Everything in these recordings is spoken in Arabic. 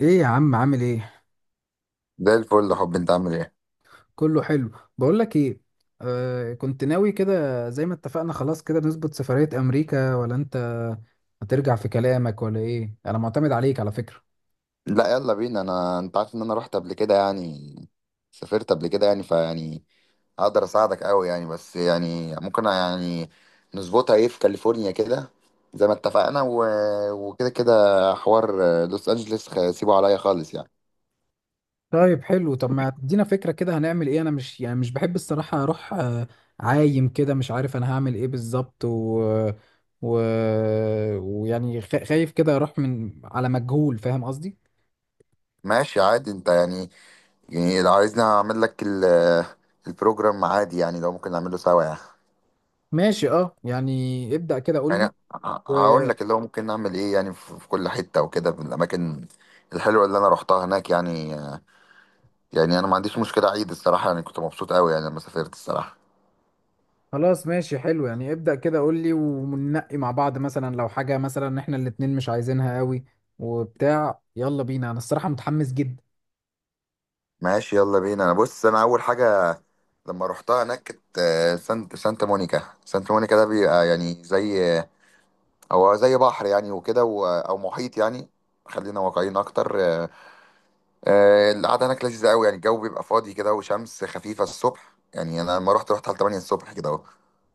ايه يا عم، عامل ايه؟ زي الفل يا حب، انت عامل ايه؟ كله حلو. بقول لك ايه، كنت ناوي كده زي ما اتفقنا، خلاص كده نظبط سفرية امريكا، ولا انت هترجع في كلامك ولا ايه؟ انا معتمد عليك على فكرة. لا يلا بينا انا. انت عارف ان انا رحت قبل كده يعني، سافرت قبل كده، يعني فيعني اقدر اساعدك قوي يعني، بس يعني ممكن يعني نظبطها ايه في كاليفورنيا كده، زي ما اتفقنا وكده كده حوار. لوس انجلوس سيبه عليا خالص يعني. طيب حلو. طب ما تدينا فكرة كده، هنعمل ايه؟ انا مش، يعني مش بحب الصراحة اروح، عايم كده، مش عارف انا هعمل ايه بالظبط. و... ويعني خايف كده اروح من على مجهول، فاهم قصدي؟ ماشي عادي انت يعني. يعني لو عايزني اعمل لك البروجرام عادي، يعني لو ممكن نعمله سوا يعني. ماشي، اه، يعني ابدأ كده قول يعني لي. هقول لك اللي هو ممكن نعمل ايه يعني، في كل حته وكده، في الاماكن الحلوه اللي انا روحتها هناك يعني. يعني انا ما عنديش مشكله، عيد الصراحه، يعني كنت مبسوط قوي يعني لما سافرت الصراحه. خلاص ماشي حلو. يعني ابدأ كده قول لي وننقي مع بعض، مثلا لو حاجة مثلا احنا الاتنين مش عايزينها قوي وبتاع. يلا بينا، انا الصراحة متحمس جدا. ماشي يلا بينا انا. بص، انا اول حاجه لما روحتها هناك كانت سانت سانتا مونيكا. ده بيبقى يعني زي، هو زي بحر يعني، او محيط يعني. خلينا واقعيين اكتر. القعده هناك لذيذه قوي يعني، الجو بيبقى فاضي كده وشمس خفيفه الصبح. يعني انا لما رحت، على 8 الصبح كده اهو.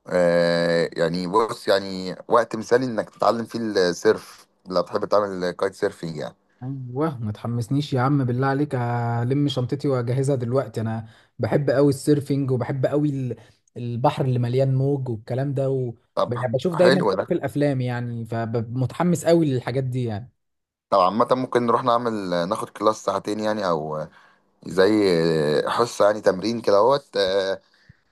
آه يعني بص، يعني وقت مثالي انك تتعلم فيه السيرف، لو بتحب تعمل كايت سيرفينج يعني. ايوه، ما تحمسنيش يا عم، بالله عليك هلم شنطتي واجهزها دلوقتي. انا بحب قوي السيرفينج، وبحب قوي البحر اللي مليان موج والكلام ده. طب يعني بشوف دايما حلو كده في ده. الافلام، يعني فمتحمس قوي للحاجات دي يعني. طب عامة ممكن نروح نعمل، ناخد كلاس ساعتين يعني، او زي حصة يعني تمرين كدهوت.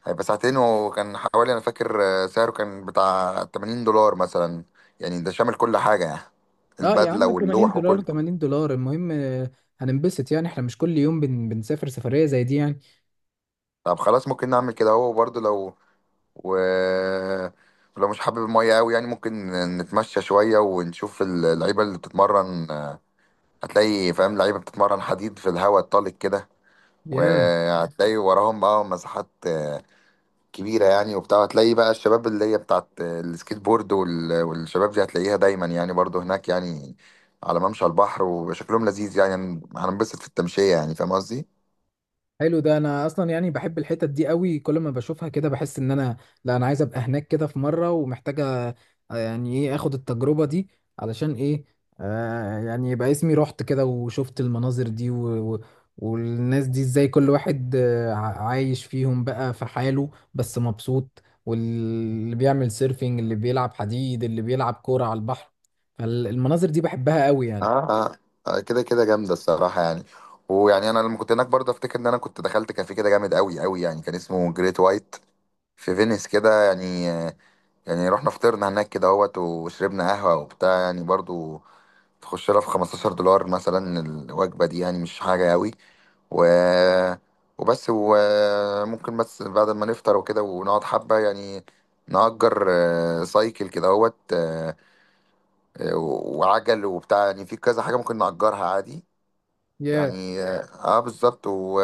هيبقى ساعتين، وكان حوالي، انا فاكر سعره كان بتاع $80 مثلا. يعني ده شامل كل حاجة يعني، اه يا البدلة عم، 80 واللوح دولار وكله. $80، المهم. هننبسط يعني، احنا مش كل يوم بنسافر سفرية زي دي يعني. طب خلاص ممكن نعمل كده. هو برضه لو و... ولو مش حابب المية قوي يعني، ممكن نتمشى شوية ونشوف اللعيبة اللي بتتمرن. هتلاقي، فاهم، اللعيبة بتتمرن حديد في الهواء الطلق كده، ياه، وهتلاقي وراهم بقى مساحات آه، كبيرة يعني وبتاع. هتلاقي بقى الشباب اللي هي بتاعت السكيت بورد والشباب دي هتلاقيها دايما يعني برضو هناك يعني، على ممشى البحر، وشكلهم لذيذ يعني. هننبسط في التمشية يعني، فاهم قصدي؟ حلو ده. انا اصلا يعني بحب الحتت دي قوي، كل ما بشوفها كده بحس ان انا، لا، انا عايز ابقى هناك كده في مره، ومحتاجه يعني ايه اخد التجربه دي. علشان ايه؟ يعني يبقى اسمي رحت كده وشفت المناظر دي، و و والناس دي ازاي، كل واحد عايش فيهم بقى في حاله بس مبسوط، واللي بيعمل سيرفينج، اللي بيلعب حديد، اللي بيلعب كوره على البحر. فالمناظر دي بحبها قوي يعني. اه اه. كده كده جامده الصراحه يعني. ويعني انا لما كنت هناك برضه، افتكر ان انا كنت دخلت كافيه كده جامد قوي قوي يعني، كان اسمه جريت وايت في فينيس كده يعني. يعني رحنا فطرنا هناك كده اهوت، وشربنا قهوه وبتاع يعني. برضه تخش لها في $15 مثلا الوجبه دي، يعني مش حاجه قوي. و وبس. وممكن بس بعد ما نفطر وكده، ونقعد حبه يعني، نأجر سايكل كده اهوت. وعجل وبتاع يعني. في كذا حاجه ممكن نأجرها عادي Yeah. يعني. اه بالظبط.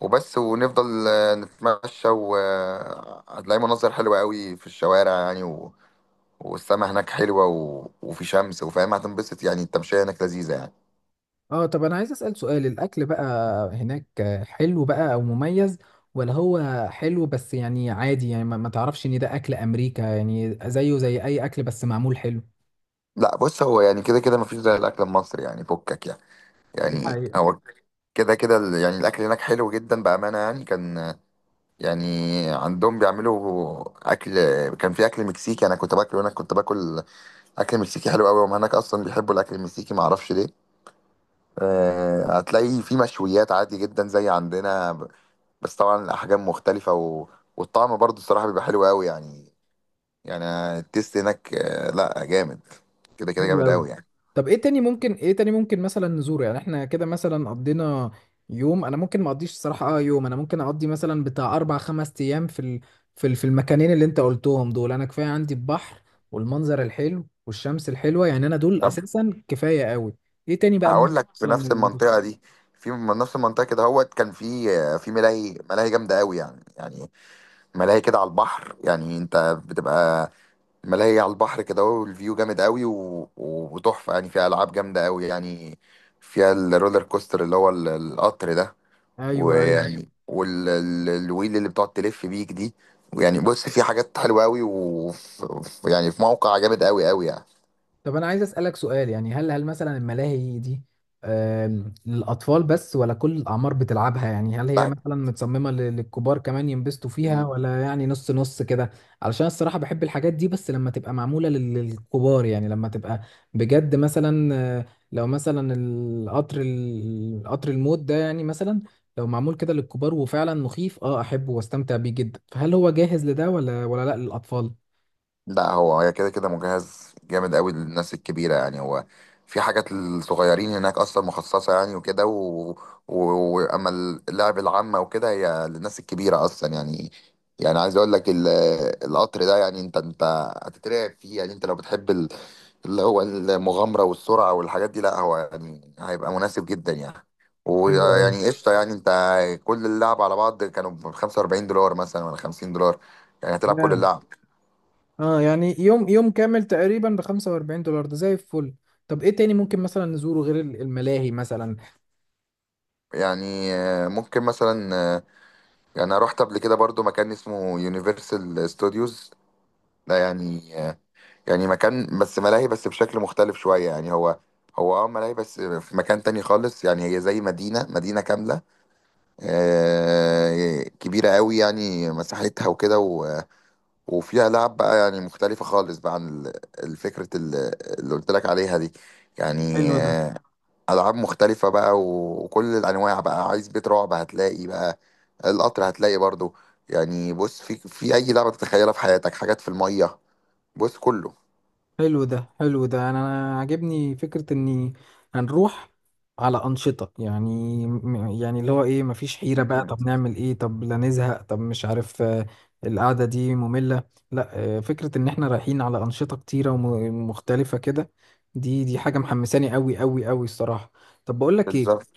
وبس ونفضل نتمشى، وهتلاقي مناظر حلوة قوي في الشوارع يعني. والسما هناك حلوة، وفي شمس، وفاهم، هتنبسط يعني. التمشية هناك لذيذة يعني. اه، طب انا عايز اسال سؤال، الاكل بقى هناك حلو بقى او مميز، ولا هو حلو بس يعني عادي، يعني ما تعرفش ان ده اكل امريكا يعني، زيه زي اي اكل بس معمول حلو؟ لا بص، هو يعني كده كده مفيش زي الأكل المصري يعني، فكك يعني. دي يعني حقيقة. هو كده كده يعني الأكل هناك حلو جدا بأمانة يعني. كان يعني عندهم بيعملوا أكل، كان في أكل مكسيكي. أنا كنت باكله هناك، كنت باكل أكل مكسيكي حلو قوي. وهم هناك أصلا بيحبوا الأكل المكسيكي معرفش ليه. هتلاقي في مشويات عادي جدا زي عندنا بس طبعا الأحجام مختلفة، والطعم برضو الصراحة بيبقى حلو قوي يعني. يعني التيست هناك، لا جامد، كده كده حلو جامد قوي. قوي يعني. طب، ايه تاني ممكن مثلا نزوره؟ يعني احنا كده مثلا قضينا يوم، انا ممكن ما اقضيش الصراحه، اه، يوم انا ممكن اقضي مثلا بتاع اربع خمس ايام في المكانين اللي انت قلتهم دول. انا كفايه عندي البحر والمنظر الحلو والشمس الحلوه، يعني انا دول طب اساسا كفايه قوي. ايه تاني بقى هقول ممكن لك في مثلا نفس نبص؟ المنطقة دي، من نفس المنطقة كده هوت. كان في ملاهي جامدة قوي يعني، يعني ملاهي كده على البحر يعني. انت بتبقى ملاهي على البحر كده، والفيو جامد قوي وتحفة يعني، فيها ألعاب جامدة قوي يعني. فيها الرولر كوستر اللي هو القطر ده. ايوه، ايوه. ويعني والويل اللي بتقعد تلف بيك دي. ويعني بص، في حاجات حلوه قوي، ويعني في موقع جامد قوي قوي يعني. طب انا عايز اسالك سؤال، يعني هل مثلا الملاهي دي للاطفال بس، ولا كل الاعمار بتلعبها؟ يعني هل هي مثلا متصممه للكبار كمان ينبسطوا لا، فيها، ولا يعني نص نص كده؟ علشان الصراحه بحب الحاجات دي بس لما تبقى معموله للكبار، يعني لما تبقى بجد مثلا، لو مثلا القطر، القطر الموت ده يعني، مثلا لو معمول كده للكبار وفعلا مخيف، اه احبه واستمتع بيه جدا. فهل هو جاهز لده، ولا لا للاطفال؟ لا هو هي كده كده مجهز جامد قوي للناس الكبيرة يعني. هو في حاجات للصغيرين هناك أصلا مخصصة يعني، وكده و... وأما اللعب العامة وكده، هي للناس الكبيرة أصلا يعني. يعني عايز أقول لك القطر ده، يعني أنت، أنت هتترعب فيه يعني. أنت لو بتحب اللي هو المغامرة والسرعة والحاجات دي، لا هو يعني هيبقى مناسب جدا يعني، حلو ويعني قشطة يعني أنت. كل اللعب على بعض كانوا ب $45 مثلا ولا $50، يعني هتلعب كل قوي. اللعب. اه يعني، يوم يوم كامل تقريبا ب $45، ده زي الفل. طب، ايه تاني ممكن مثلا نزوره غير الملاهي مثلا؟ يعني ممكن مثلا، يعني انا رحت قبل كده برضو مكان اسمه يونيفرسال ستوديوز. ده يعني يعني مكان بس ملاهي، بس بشكل مختلف شوية يعني. هو، هو اه ملاهي بس في مكان تاني خالص يعني. هي زي مدينة كاملة، كبيرة قوي يعني مساحتها وكده وفيها لعب بقى يعني مختلفة خالص بقى، عن الفكرة اللي قلت لك عليها دي يعني. حلو ده العاب مختلفه بقى، وكل الانواع بقى. عايز بيت رعب هتلاقي بقى، القطر هتلاقي برضو. يعني بص، في اي لعبه تتخيلها في حياتك، حاجات في الميه. بص كله. حلو ده. أنا عاجبني فكرة اني هنروح على أنشطة، يعني يعني اللي هو ايه؟ مفيش حيرة بقى، مم. طب نعمل ايه، طب لا نزهق، طب مش عارف. القعدة دي مملة. لا، فكرة ان احنا رايحين على أنشطة كتيرة ومختلفة كده، دي حاجة محمساني قوي قوي قوي الصراحة. طب بقول لك ايه. بالظبط.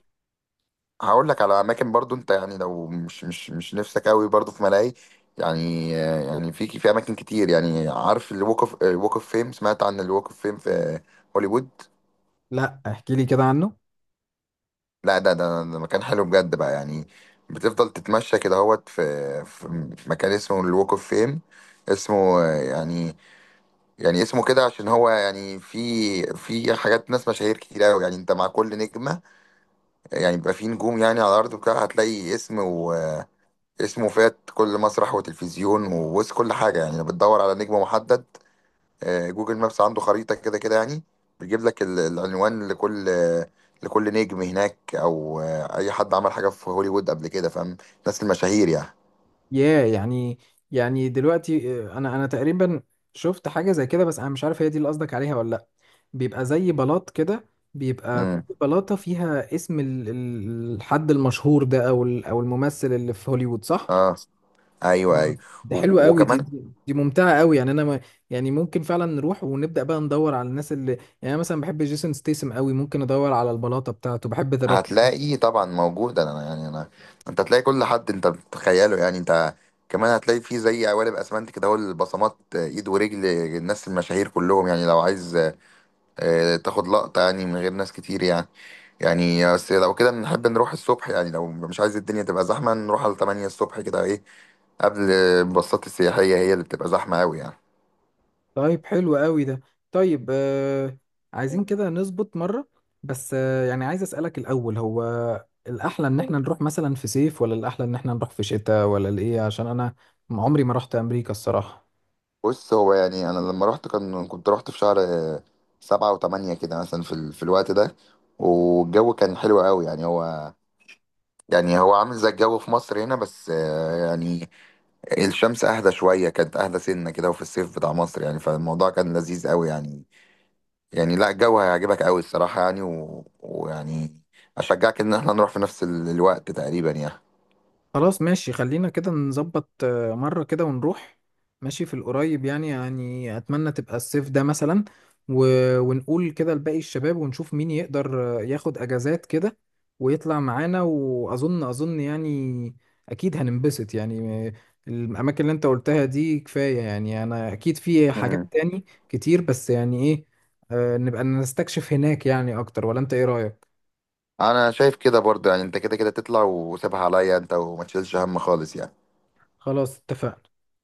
هقول لك على اماكن برضو. انت يعني لو مش نفسك قوي برضو في ملاهي، يعني يعني في اماكن كتير يعني. عارف الوك اوف، الوك اوف فيم سمعت عن الوك اوف فيم في هوليوود؟ لا، احكي لي كده عنه. لا، ده مكان حلو بجد بقى يعني. بتفضل تتمشى كده اهوت في، في مكان اسمه الوك اوف فيم. اسمه يعني، يعني اسمه كده عشان هو يعني في، في حاجات ناس مشاهير كتير قوي يعني. انت مع كل نجمة يعني، بيبقى في نجوم يعني على الارض، وكده هتلاقي اسم، واسمه فات كل مسرح وتلفزيون ووسط كل حاجة يعني. لو بتدور على نجم محدد، جوجل مابس عنده خريطة كده كده يعني، بيجيب لك العنوان لكل نجم هناك، او اي حد عمل حاجة في هوليوود قبل كده، فاهم، الناس المشاهير يعني. ياه، يعني دلوقتي، انا تقريبا شفت حاجه زي كده، بس انا مش عارف هي دي اللي قصدك عليها ولا لا. بيبقى زي بلاط كده، بيبقى كل امم، بلاطه فيها اسم الحد المشهور ده، او او الممثل اللي في هوليوود، صح؟ اه ايوه ايوه. آه. دي حلوة قوي، دي وكمان دي دي ممتعة قوي يعني. انا ما يعني، ممكن فعلا نروح ونبدأ بقى ندور على الناس اللي يعني، انا مثلا بحب جيسون ستيسم قوي، ممكن ادور على البلاطة بتاعته. بحب ذا روك. هتلاقي طبعا موجود. انا يعني، انت هتلاقي كل حد انت بتتخيله يعني. انت كمان هتلاقي فيه زي قوالب اسمنت كده اهو، البصمات، ايد ورجل الناس المشاهير كلهم يعني. لو عايز تاخد لقطة يعني من غير ناس كتير يعني، يعني بس لو كده نحب نروح الصبح يعني. لو مش عايز الدنيا تبقى زحمة، نروح على 8 الصبح كده ايه، قبل الباصات السياحية هي اللي بتبقى زحمة أوي يعني. طيب، حلو قوي ده. طيب، عايزين كده نظبط مرة، بس يعني عايز أسألك الأول، هو الأحلى إن إحنا نروح مثلا في صيف، ولا الأحلى إن إحنا نروح في شتاء، ولا الإيه؟ عشان أنا عمري ما رحت أمريكا الصراحة. بص، هو يعني، أنا لما رحت كان، كنت رحت في شهر سبعة وتمانية كده مثلا، في, في الوقت ده. والجو كان حلو أوي يعني. هو، يعني هو عامل زي الجو في مصر هنا، بس يعني الشمس أهدى شوية، كانت أهدى سنة كده، وفي الصيف بتاع مصر يعني. فالموضوع كان لذيذ أوي يعني، يعني لا الجو هيعجبك قوي الصراحة يعني. ويعني أشجعك إن احنا نروح في نفس الوقت تقريبا يعني. خلاص ماشي، خلينا كده نظبط، مرة كده ونروح. ماشي في القريب، يعني أتمنى تبقى الصيف ده مثلا، و... ونقول كده لباقي الشباب ونشوف مين يقدر ياخد أجازات كده ويطلع معانا. وأظن يعني أكيد هننبسط يعني، الأماكن اللي أنت قلتها دي كفاية يعني. أنا أكيد في مم. حاجات تاني كتير، بس يعني إيه، نبقى نستكشف هناك يعني أكتر، ولا أنت إيه رأيك؟ أنا شايف كده برضه يعني. أنت كده كده تطلع، وسيبها عليا أنت، وما تشيلش هم خالص يعني. خلاص اتفقنا.